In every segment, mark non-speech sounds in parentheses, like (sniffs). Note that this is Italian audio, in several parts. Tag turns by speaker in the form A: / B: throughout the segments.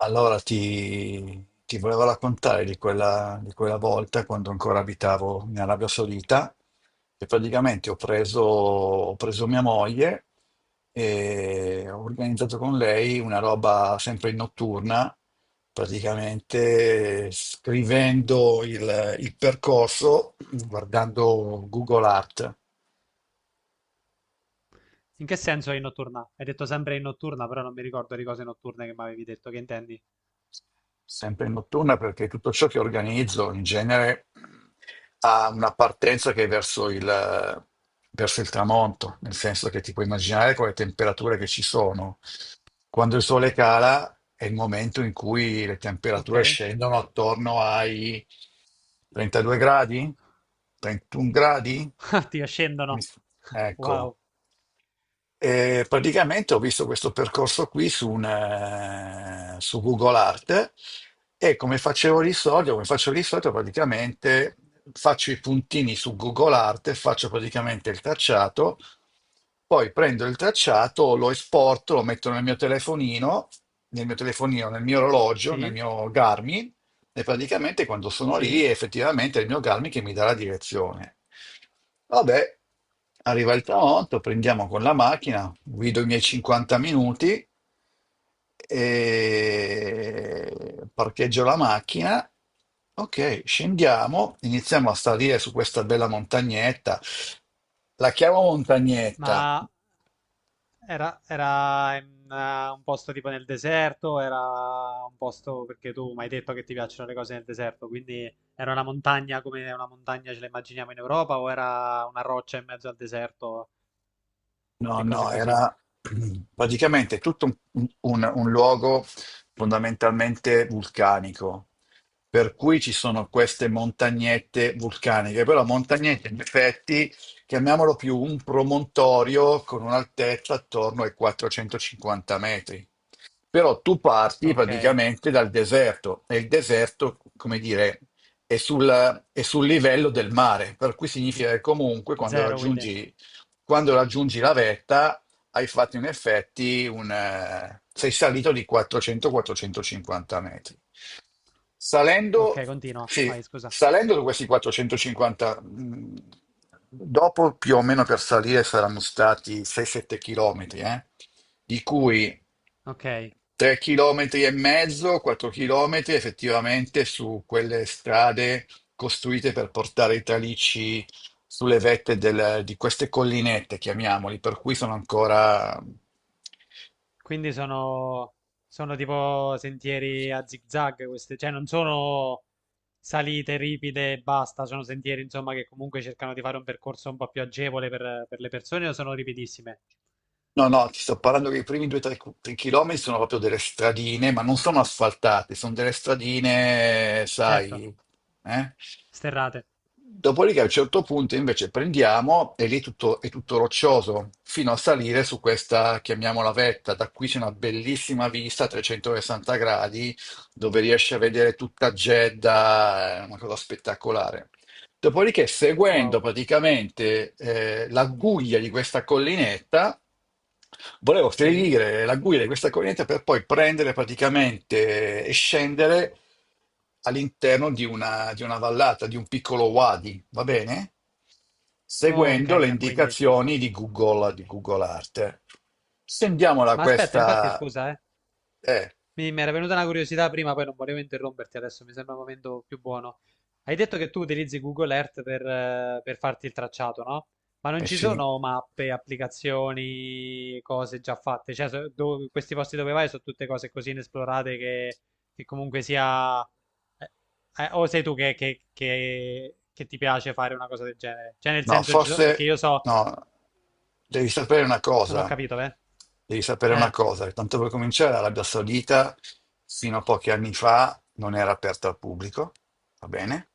A: Allora ti volevo raccontare di quella volta quando ancora abitavo in Arabia Saudita e praticamente ho preso mia moglie e ho organizzato con lei una roba sempre notturna, praticamente scrivendo il percorso guardando Google Art.
B: In che senso è in notturna? Hai detto sempre in notturna, però non mi ricordo di cose notturne che mi avevi detto, che intendi?
A: Sempre in notturna, perché tutto ciò che organizzo in genere ha una partenza che è verso il tramonto, nel senso che ti puoi immaginare con le temperature che ci sono. Quando il sole cala è il momento in cui le
B: Ok.
A: temperature
B: (laughs)
A: scendono attorno ai 32 gradi, 31 gradi.
B: Ah, ti
A: Mi-
B: scendono. Wow.
A: Ecco, e praticamente ho visto questo percorso qui su Google Art, e come facevo di solito, come faccio di solito, praticamente faccio i puntini su Google Art, faccio praticamente il tracciato, poi prendo il tracciato, lo esporto, lo metto nel mio telefonino, nel mio orologio, nel
B: Sì,
A: mio Garmin, e praticamente quando sono lì
B: sì.
A: effettivamente è effettivamente il mio Garmin che mi dà la direzione. Vabbè, arriva il tramonto, prendiamo con la macchina, guido i miei 50 minuti, e parcheggio la macchina. Ok, scendiamo, iniziamo a salire su questa bella montagnetta. La chiamo montagnetta.
B: Ma era, era in, un posto tipo nel deserto, era un posto perché tu mi hai detto che ti piacciono le cose nel deserto, quindi era una montagna come una montagna ce la immaginiamo in Europa o era una roccia in mezzo al deserto
A: No,
B: e cose
A: no,
B: così.
A: era praticamente tutto un luogo fondamentalmente vulcanico, per cui ci sono queste montagnette vulcaniche, però montagnette in effetti, chiamiamolo più un promontorio con un'altezza attorno ai 450 metri. Però tu parti
B: Ok.
A: praticamente dal deserto e il deserto, come dire, è sul livello del mare, per cui significa che comunque quando
B: Zero, quindi.
A: raggiungi, quando raggiungi la vetta hai fatto in effetti sei salito di 400-450 metri.
B: Ok,
A: Salendo,
B: continua.
A: sì,
B: Vai, scusa.
A: salendo da questi 450, dopo più o meno per salire saranno stati 6-7 chilometri, eh? Di cui
B: Ok.
A: tre chilometri e mezzo, quattro chilometri, effettivamente su quelle strade costruite per portare i tralicci sulle vette di queste collinette, chiamiamoli, per cui sono ancora...
B: Quindi sono, sono tipo sentieri a zigzag, queste, cioè non sono salite ripide e basta, sono sentieri insomma che comunque cercano di fare un percorso un po' più agevole per le persone o sono ripidissime?
A: No, no, ti sto parlando che i primi 2-3 chilometri sono proprio delle stradine, ma non sono asfaltate, sono delle stradine, sai,
B: Certo,
A: eh?
B: sterrate.
A: Dopodiché a un certo punto invece prendiamo e è tutto roccioso fino a salire su questa, chiamiamola vetta. Da qui c'è una bellissima vista a 360 gradi dove riesci a vedere tutta Jeddah, è una cosa spettacolare. Dopodiché, seguendo
B: Wow.
A: praticamente la guglia di questa collinetta, volevo
B: Sì?
A: seguire la guglia di questa collinetta per poi prendere praticamente e scendere all'interno di una vallata, di un piccolo wadi, va bene?
B: Oh, un
A: Seguendo le
B: canyon quindi.
A: indicazioni di Google Earth. Scendiamo da
B: Ma aspetta, infatti
A: questa...
B: scusa, eh.
A: Eh,
B: Mi era venuta una curiosità prima, poi non volevo interromperti adesso, mi sembra il momento più buono. Hai detto che tu utilizzi Google Earth per farti il tracciato, no? Ma non
A: eh
B: ci
A: sì.
B: sono mappe, applicazioni, cose già fatte? Cioè, so- do- questi posti dove vai sono tutte cose così inesplorate che comunque sia... eh, o sei tu che, che ti piace fare una cosa del genere? Cioè, nel
A: No,
B: senso, ci so- perché
A: forse
B: io so...
A: no, devi sapere una
B: Non ho
A: cosa,
B: capito, beh.
A: devi sapere una
B: Eh,
A: cosa, che tanto per cominciare l'Arabia Saudita fino a pochi anni fa non era aperta al pubblico, va bene?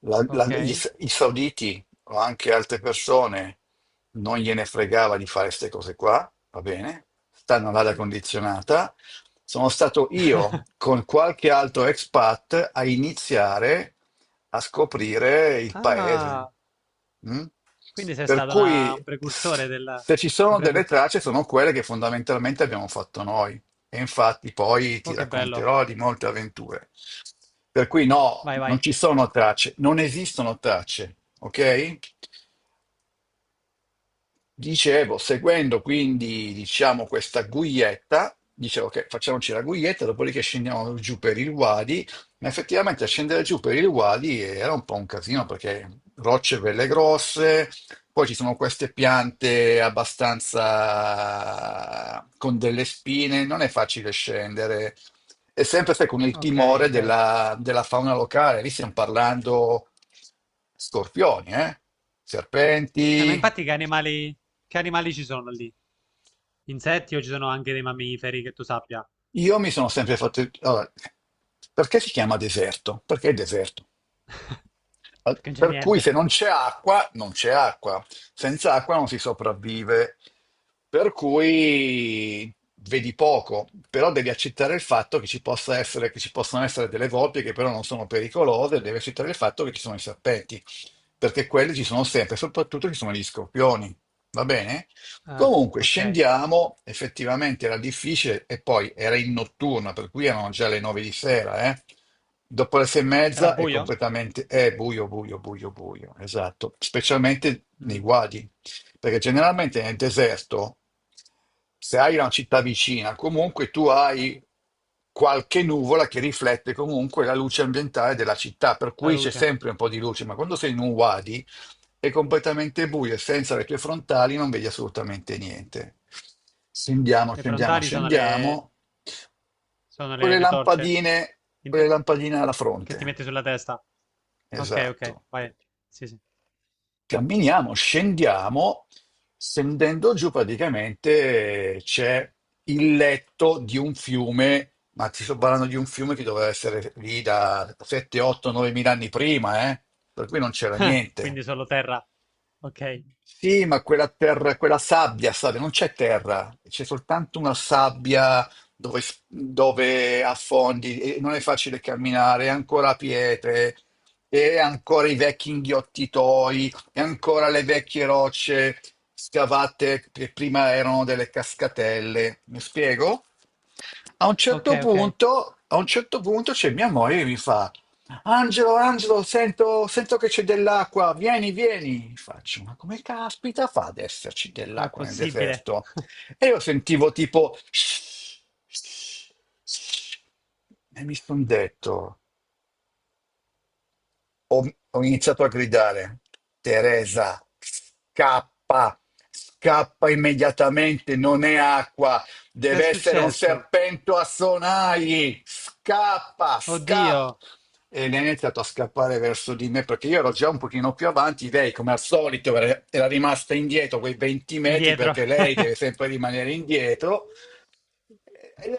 B: ok.
A: I sauditi o anche altre persone non gliene fregava di fare queste cose qua, va bene, stanno all'aria
B: Sì.
A: condizionata. Sono stato io con qualche altro expat a iniziare a scoprire il paese.
B: Ah,
A: Mm?
B: quindi sei
A: Per
B: stato
A: cui
B: una- un precursore del...
A: se ci
B: Un
A: sono delle
B: precursore...
A: tracce sono quelle che fondamentalmente abbiamo fatto noi. E infatti poi ti
B: Oh, che bello.
A: racconterò di molte avventure. Per cui no,
B: Vai,
A: non
B: vai.
A: ci sono tracce, non esistono tracce, ok? Dicevo, seguendo quindi, diciamo, questa guietta, dicevo che facciamoci la guietta, dopodiché scendiamo giù per il Wadi, ma effettivamente scendere giù per il Wadi era un po' un casino perché rocce belle grosse, poi ci sono queste piante abbastanza con delle spine, non è facile scendere. E sempre sai, con il
B: Ok,
A: timore
B: ok.
A: della fauna locale, lì stiamo parlando scorpioni, eh?
B: Ma
A: Serpenti.
B: infatti che animali... Che animali ci sono lì? Insetti o ci sono anche dei mammiferi che tu sappia?
A: Io mi sono sempre fatto... allora, perché si chiama deserto? Perché è deserto.
B: Perché non c'è
A: Per cui se
B: niente.
A: non c'è acqua, non c'è acqua. Senza acqua non si sopravvive. Per cui vedi poco, però devi accettare il fatto che ci possa essere, che ci possono essere delle volpi che però non sono pericolose, devi accettare il fatto che ci sono i serpenti, perché quelli ci sono sempre, soprattutto ci sono gli scorpioni. Va bene?
B: Ah,
A: Comunque
B: ok.
A: scendiamo, effettivamente era difficile e poi era in notturna, per cui erano già le nove di sera, eh. Dopo le sei e
B: Era
A: mezza è
B: buio?
A: completamente è buio, buio, buio, buio, esatto, specialmente nei
B: Mm,
A: guadi, perché generalmente nel deserto, se hai una città vicina, comunque tu hai qualche nuvola che riflette comunque la luce ambientale della città, per
B: la
A: cui c'è
B: luce.
A: sempre un po' di luce, ma quando sei in un wadi è completamente buio e senza le tue frontali non vedi assolutamente niente. Scendiamo,
B: Le
A: scendiamo,
B: frontali sono le...
A: scendiamo.
B: Sono
A: Quelle
B: le torce
A: lampadine,
B: in-
A: quelle
B: te-
A: lampadine alla
B: che ti
A: fronte.
B: metti sulla testa. Ok, ok,
A: Esatto.
B: vai. Sì, sì.
A: Camminiamo, scendiamo. Scendendo giù praticamente c'è il letto di un fiume, ma ti sto parlando di un fiume che doveva essere lì da 7, 8, 9 mila anni prima, eh? Per cui non c'era
B: (laughs)
A: niente.
B: Quindi solo terra. Ok.
A: Sì, ma quella, terra, quella sabbia, sabbia, non c'è terra, c'è soltanto una sabbia dove, dove affondi e non è facile camminare, è ancora pietre, e ancora i vecchi inghiottitoi, e ancora le vecchie rocce scavate che prima erano delle cascatelle. Mi spiego? A un
B: Ok,
A: certo
B: ok.
A: punto, a un certo punto c'è mia moglie che mi fa, Angelo, Angelo, sento, sento che c'è dell'acqua, vieni, vieni. Faccio, ma come caspita fa ad esserci
B: Com'è
A: dell'acqua nel
B: possibile?
A: deserto? E io sentivo tipo... (sniffs) E mi sono detto, ho iniziato a gridare, Teresa, scappa, scappa immediatamente, non è acqua,
B: Che è
A: deve essere un
B: successo?
A: serpento a sonagli, scappa, scappa.
B: Oddio,
A: E lei ha iniziato a scappare verso di me perché io ero già un pochino più avanti, lei come al solito era rimasta indietro quei 20 metri
B: indietro.
A: perché lei
B: (laughs)
A: deve sempre rimanere indietro e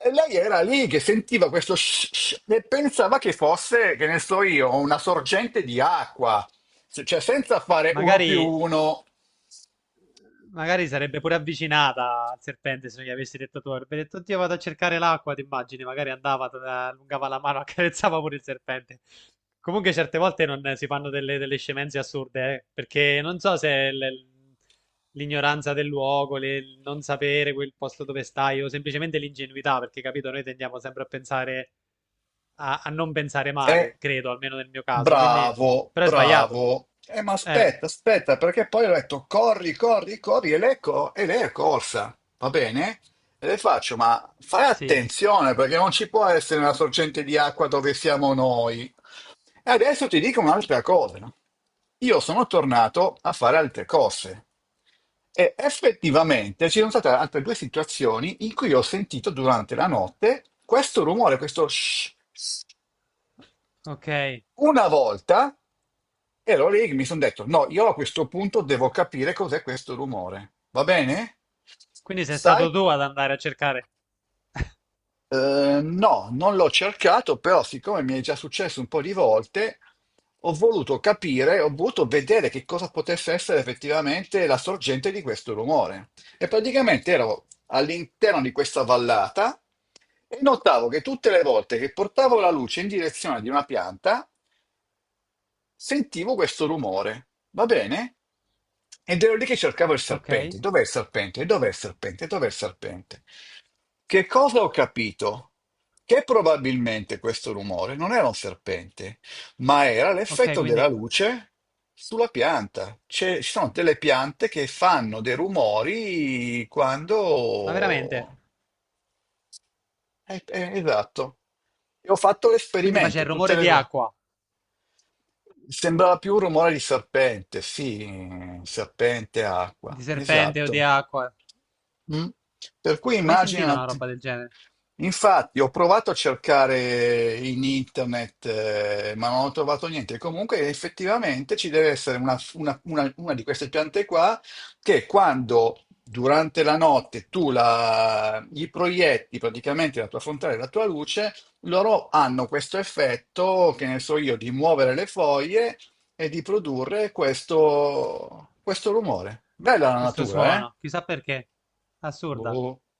A: e- e lei era lì che sentiva questo sh- sh- e pensava che fosse, che ne so io, una sorgente di acqua. Cioè senza fare uno più
B: Magari,
A: uno.
B: magari sarebbe pure avvicinata al serpente se non gli avessi detto tu. Avrebbe detto, oddio, vado a cercare l'acqua, ti immagini? Magari andava, t- allungava la mano, (laughs) accarezzava pure il serpente. Comunque certe volte non, si fanno delle, delle scemenze assurde, perché non so se l- l'ignoranza del luogo, le- il non sapere quel posto dove stai o semplicemente l'ingenuità, perché capito, noi tendiamo sempre a pensare, a, a non pensare male,
A: Eh,
B: credo, almeno nel mio caso, quindi...
A: bravo,
B: Però è sbagliato.
A: bravo. Ma
B: Eh,
A: aspetta, aspetta, perché poi ho detto corri, corri, corri, e lei è corsa, va bene? E le faccio, ma fai
B: sì.
A: attenzione perché non ci può essere una sorgente di acqua dove siamo noi. E adesso ti dico un'altra cosa. No? Io sono tornato a fare altre cose e effettivamente ci sono state altre due situazioni in cui ho sentito durante la notte questo rumore, questo shh, shh.
B: Ok,
A: Una volta, e allora lì che mi sono detto, no, io a questo punto devo capire cos'è questo rumore. Va bene?
B: quindi sei
A: Sai?
B: stato tu ad andare a cercare.
A: No, non l'ho cercato, però siccome mi è già successo un po' di volte, ho voluto capire, ho voluto vedere che cosa potesse essere effettivamente la sorgente di questo rumore. E praticamente ero all'interno di questa vallata e notavo che tutte le volte che portavo la luce in direzione di una pianta, sentivo questo rumore, va bene? Ed ero lì che cercavo il serpente.
B: Ok,
A: Dov'è il serpente? Dov'è il serpente? Dov'è il serpente? Che cosa ho capito? Che probabilmente questo rumore non era un serpente, ma era
B: ok,
A: l'effetto della
B: quindi...
A: luce sulla pianta. Ci sono delle piante che fanno dei rumori
B: Ma veramente?
A: quando... esatto. E ho fatto
B: Quindi faceva
A: l'esperimento
B: il
A: tutte
B: rumore
A: le
B: di
A: volte.
B: acqua,
A: Sembrava più un rumore di serpente, sì, serpente,
B: di
A: acqua,
B: serpente o di
A: esatto.
B: acqua.
A: Mm? Per cui
B: Mai sentita una
A: immaginati,
B: roba del genere?
A: infatti ho provato a cercare in internet, ma non ho trovato niente. Comunque effettivamente ci deve essere una di queste piante qua che quando durante la notte tu la, gli proietti praticamente la tua frontale, la tua luce, loro hanno questo effetto, che ne so io, di muovere le foglie e di produrre questo rumore. Bella la
B: Questo
A: natura, eh?
B: suono, chissà perché. Assurda.
A: Boh.